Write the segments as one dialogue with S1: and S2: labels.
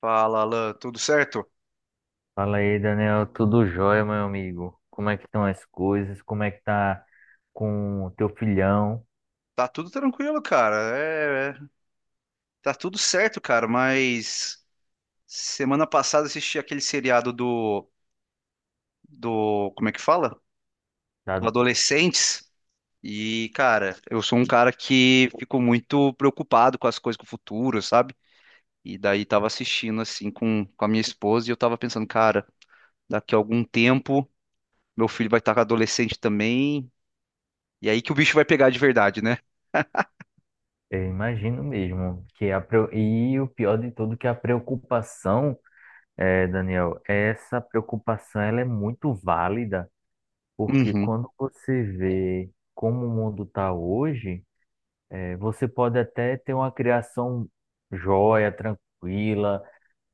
S1: Fala, Alan, tudo certo?
S2: Fala aí, Daniel. Tudo jóia, meu amigo? Como é que estão as coisas? Como é que tá com o teu filhão?
S1: Tá tudo tranquilo, cara. É, tá tudo certo, cara, mas semana passada assisti aquele seriado do do, como é que fala? Do
S2: Tá-
S1: Adolescentes. E, cara, eu sou um cara que fico muito preocupado com as coisas com o futuro, sabe? E daí tava assistindo assim com a minha esposa e eu tava pensando, cara, daqui a algum tempo meu filho vai estar adolescente também, e aí que o bicho vai pegar de verdade, né?
S2: Eu imagino mesmo que e o pior de tudo que a preocupação, Daniel, essa preocupação ela é muito válida, porque
S1: Uhum.
S2: quando você vê como o mundo tá hoje, você pode até ter uma criação jóia, tranquila,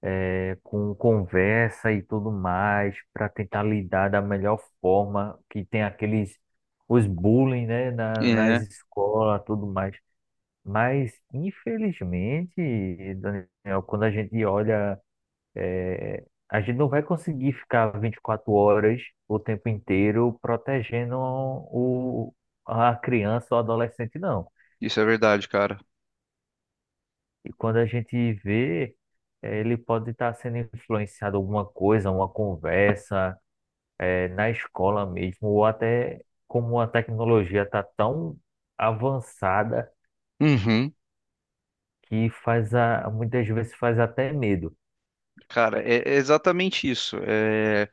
S2: com conversa e tudo mais, para tentar lidar da melhor forma, que tem aqueles, os bullying, né, nas
S1: É,
S2: escolas, tudo mais. Mas, infelizmente, Daniel, quando a gente olha, a gente não vai conseguir ficar 24 horas o tempo inteiro protegendo a criança ou adolescente, não.
S1: isso é verdade, cara.
S2: E quando a gente vê, ele pode estar sendo influenciado alguma coisa, uma conversa, na escola mesmo, ou até como a tecnologia está tão avançada
S1: Uhum.
S2: que faz a, muitas vezes faz até medo.
S1: Cara, é exatamente isso. É,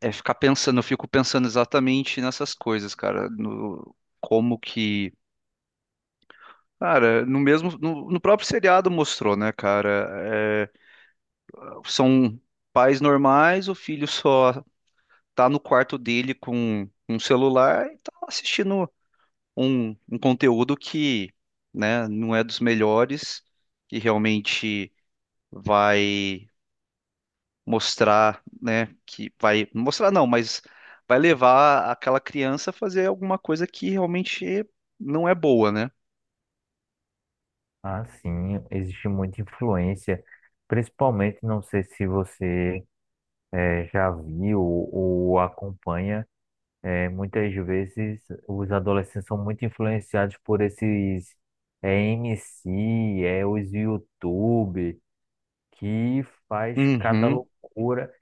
S1: é ficar pensando, eu fico pensando exatamente nessas coisas, cara. No, como que. Cara, no mesmo. No próprio seriado mostrou, né, cara? É, são pais normais, o filho só tá no quarto dele com um celular e tá assistindo um conteúdo que, né, não é dos melhores, que realmente vai mostrar, né, que vai mostrar não, mas vai levar aquela criança a fazer alguma coisa que realmente não é boa, né?
S2: Ah, sim, existe muita influência, principalmente, não sei se você já viu ou acompanha, muitas vezes os adolescentes são muito influenciados por esses MC os YouTube, que faz cada
S1: Uhum,
S2: loucura.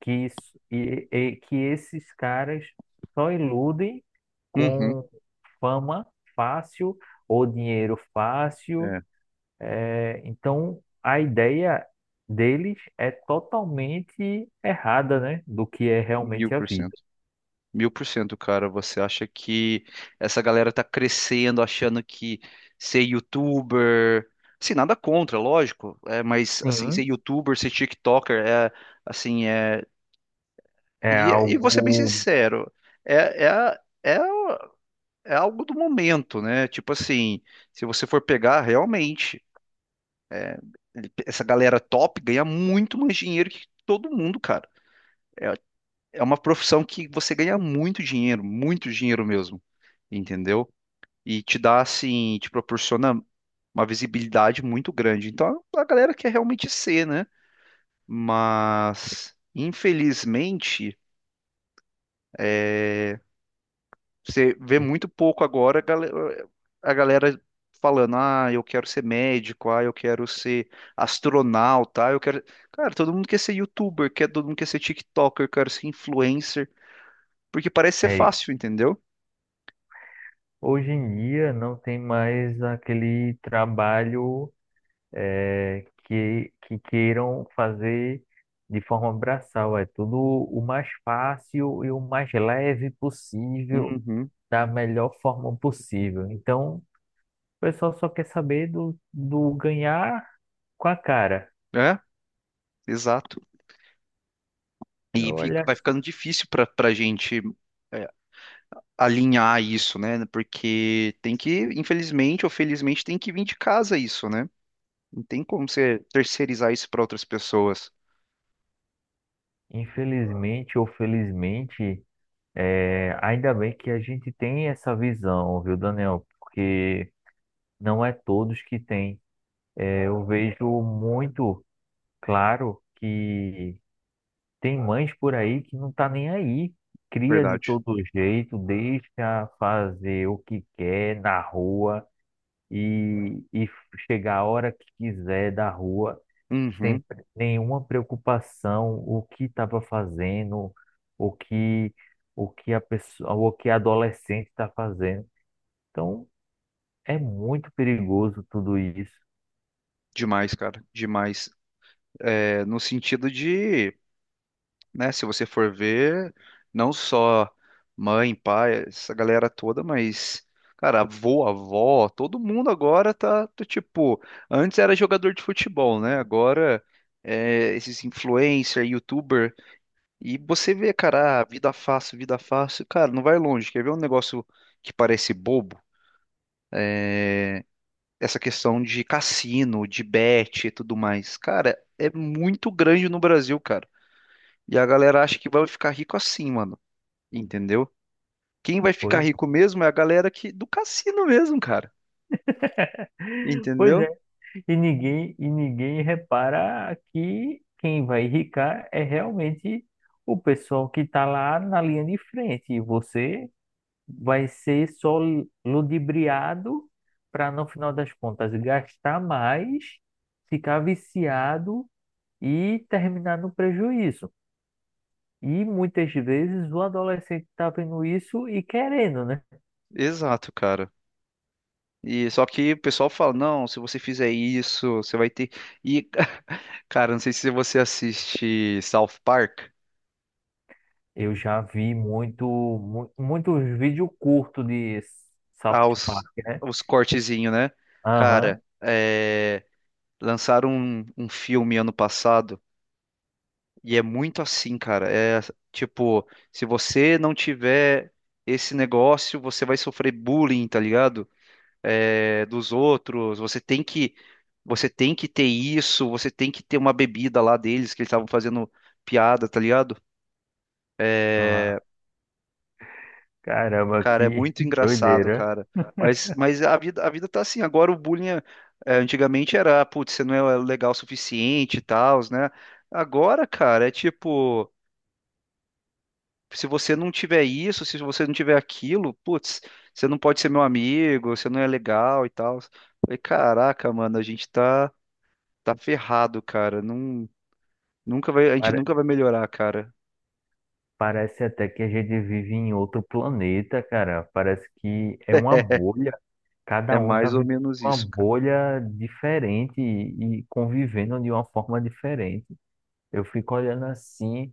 S2: Que, isso, e que esses caras só iludem
S1: uhum,
S2: com fama fácil ou dinheiro fácil.
S1: é,
S2: Então, a ideia deles é totalmente errada, né, do que é
S1: mil
S2: realmente a
S1: por
S2: vida.
S1: cento. 1000%, cara. Você acha que essa galera tá crescendo achando que ser youtuber. Assim, nada contra, lógico. É, mas, assim, ser
S2: Sim,
S1: youtuber, ser TikToker, é, assim, é. E,
S2: é
S1: e vou ser bem
S2: algo.
S1: sincero, é, é, a- é é algo do momento, né? Tipo assim, se você for pegar realmente, é, essa galera top ganha muito mais dinheiro que todo mundo, cara. É uma profissão que você ganha muito dinheiro mesmo, entendeu? E te dá assim, te proporciona uma visibilidade muito grande. Então a galera quer realmente ser, né? Mas infelizmente você vê muito pouco agora a galera falando, ah, eu quero ser médico, ah, eu quero ser astronauta, ah, eu quero. Cara, todo mundo quer ser youtuber, quer, todo mundo quer ser TikToker, quer ser influencer, porque parece ser
S2: é,
S1: fácil, entendeu?
S2: Hoje em dia não tem mais aquele trabalho, que queiram fazer de forma braçal. É tudo o mais fácil e o mais leve possível,
S1: Uhum.
S2: da melhor forma possível. Então, o pessoal só quer saber do ganhar com a cara.
S1: É, exato. E
S2: Olha,
S1: vai ficando difícil para gente é, alinhar isso, né? Porque tem que, infelizmente ou felizmente, tem que vir de casa isso, né? Não tem como você terceirizar isso para outras pessoas.
S2: infelizmente ou felizmente, ainda bem que a gente tem essa visão, viu, Daniel? Porque não é todos que têm. Eu vejo muito claro que tem mães por aí que não tá nem aí. Cria de
S1: Verdade.
S2: todo jeito, deixa fazer o que quer na rua e chegar a hora que quiser da rua, sem
S1: Uhum.
S2: nenhuma preocupação, o que estava fazendo, o que o que a adolescente está fazendo. Então, é muito perigoso tudo isso.
S1: Demais, cara, demais. É, no sentido de, né, se você for ver, não só mãe, pai, essa galera toda, mas, cara, avô, avó, todo mundo agora tá, do tipo, antes era jogador de futebol, né? Agora é, esses influencer, youtuber, e você vê, cara, ah, vida fácil, cara, não vai longe. Quer ver um negócio que parece bobo? Essa questão de cassino, de bet e tudo mais. Cara, é muito grande no Brasil, cara. E a galera acha que vai ficar rico assim, mano. Entendeu? Quem vai ficar
S2: Pois,
S1: rico mesmo é a galera que do cassino mesmo, cara.
S2: pois é.
S1: Entendeu?
S2: E ninguém repara que quem vai enricar é realmente o pessoal que está lá na linha de frente. E você vai ser só ludibriado para, no final das contas, gastar mais, ficar viciado e terminar no prejuízo. E muitas vezes o adolescente está vendo isso e querendo, né?
S1: Exato, cara. E só que o pessoal fala, não, se você fizer isso, você vai ter. E, cara, não sei se você assiste South Park,
S2: Eu já vi muito, muitos vídeos curtos de South
S1: ah, os,
S2: Park, né?
S1: os cortezinhos, né?
S2: Aham.
S1: Cara, lançaram um filme ano passado. E é muito assim, cara. É tipo, se você não tiver esse negócio, você vai sofrer bullying, tá ligado? É, dos outros. Você tem que ter isso. Você tem que ter uma bebida lá deles que eles estavam fazendo piada, tá ligado?
S2: Ah, caramba,
S1: Cara, é
S2: que
S1: muito engraçado,
S2: doideira.
S1: cara. Mas a vida tá assim. Agora o bullying, antigamente era, putz, você não é legal o suficiente e tal, né? Agora, cara, é tipo, se você não tiver isso, se você não tiver aquilo, putz, você não pode ser meu amigo, você não é legal e tal. Falei, caraca, mano, a gente tá ferrado, cara. Não, nunca vai, a gente
S2: Pare-
S1: nunca vai melhorar, cara.
S2: Parece até que a gente vive em outro planeta, cara. Parece que é uma bolha. Cada
S1: É
S2: um tá
S1: mais ou
S2: vivendo
S1: menos
S2: uma
S1: isso, cara.
S2: bolha diferente e convivendo de uma forma diferente. Eu fico olhando assim,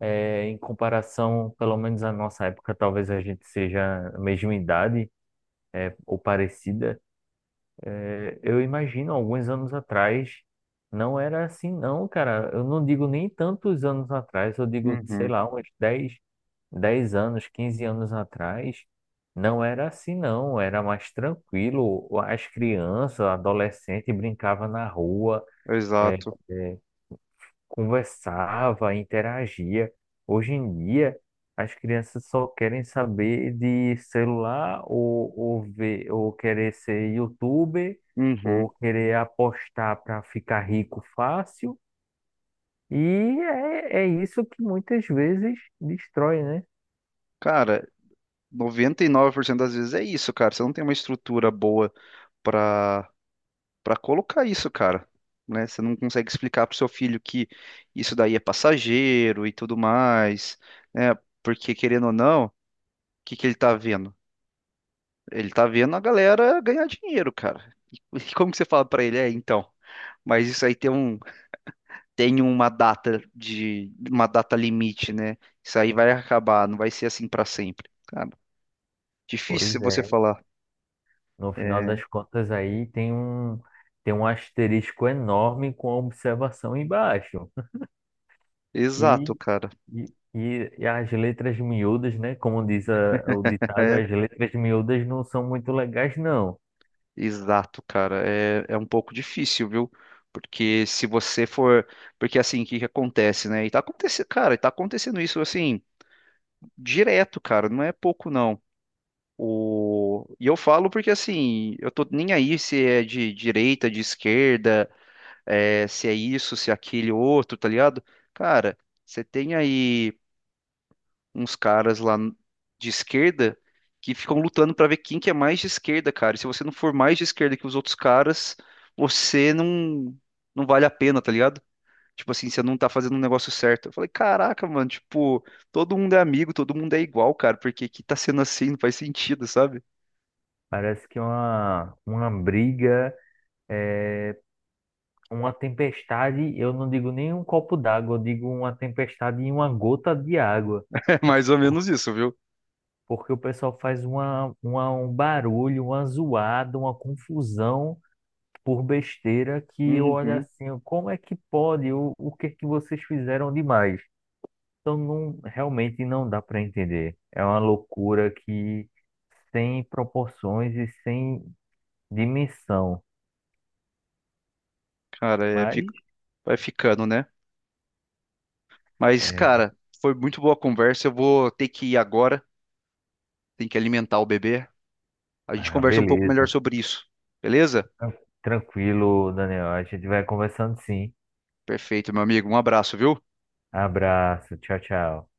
S2: em comparação, pelo menos à nossa época, talvez a gente seja a mesma idade, ou parecida. Eu imagino, alguns anos atrás, não era assim, não, cara. Eu não digo nem tantos anos atrás, eu digo, sei
S1: Uhum,
S2: lá, uns dez anos, 15 anos atrás, não era assim, não. Era mais tranquilo. As crianças, adolescentes brincavam na rua. é,
S1: exato.
S2: é, Conversava, interagia. Hoje em dia, as crianças só querem saber de celular ou, ver, ou querer ser youtuber,
S1: Uhum.
S2: ou querer apostar para ficar rico fácil. E isso que muitas vezes destrói, né?
S1: Cara, 99% das vezes é isso, cara. Você não tem uma estrutura boa pra para colocar isso, cara, né? Você não consegue explicar pro seu filho que isso daí é passageiro e tudo mais, né? Porque querendo ou não, o que que ele tá vendo? Ele tá vendo a galera ganhar dinheiro, cara. E como que você fala pra ele? É, então, mas isso aí tem um, tem uma data de, uma data limite, né? Isso aí vai acabar, não vai ser assim pra sempre. Cara, difícil
S2: Pois
S1: você
S2: é.
S1: falar.
S2: No final
S1: É,
S2: das contas, aí tem um asterisco enorme com a observação embaixo. E,
S1: exato, cara.
S2: e as letras miúdas, né? Como diz o ditado,
S1: É,
S2: as letras miúdas não são muito legais, não.
S1: Exato, cara. É, um pouco difícil, viu? Porque se você for. Porque assim, o que que acontece, né? E tá acontecendo, cara, e tá acontecendo isso assim, direto, cara. Não é pouco, não. O... E eu falo porque assim, eu tô nem aí se é de direita, de esquerda, é, se é isso, se é aquele outro, tá ligado? Cara, você tem aí uns caras lá de esquerda que ficam lutando pra ver quem que é mais de esquerda, cara. E se você não for mais de esquerda que os outros caras, você não vale a pena, tá ligado? Tipo assim, você não tá fazendo um negócio certo. Eu falei, caraca, mano, tipo, todo mundo é amigo, todo mundo é igual, cara, porque que tá sendo assim, não faz sentido, sabe?
S2: Parece que é uma briga, é, uma tempestade, eu não digo nem um copo d'água, eu digo uma tempestade em uma gota de água.
S1: É mais ou menos isso, viu?
S2: Porque o pessoal faz um barulho, uma zoada, uma confusão por besteira que eu olho
S1: Uhum,
S2: assim, como é que pode? O que é que vocês fizeram demais? Então não, realmente não dá para entender. É uma loucura que sem proporções e sem dimensão.
S1: cara,
S2: Mas
S1: vai ficando, né? Mas,
S2: é,
S1: cara, foi muito boa a conversa. Eu vou ter que ir agora, tem que alimentar o bebê. A gente
S2: ah,
S1: conversa um pouco melhor
S2: beleza.
S1: sobre isso. Beleza?
S2: Tran- Tranquilo, Daniel. A gente vai conversando sim.
S1: Perfeito, meu amigo. Um abraço, viu?
S2: Abraço. Tchau, tchau.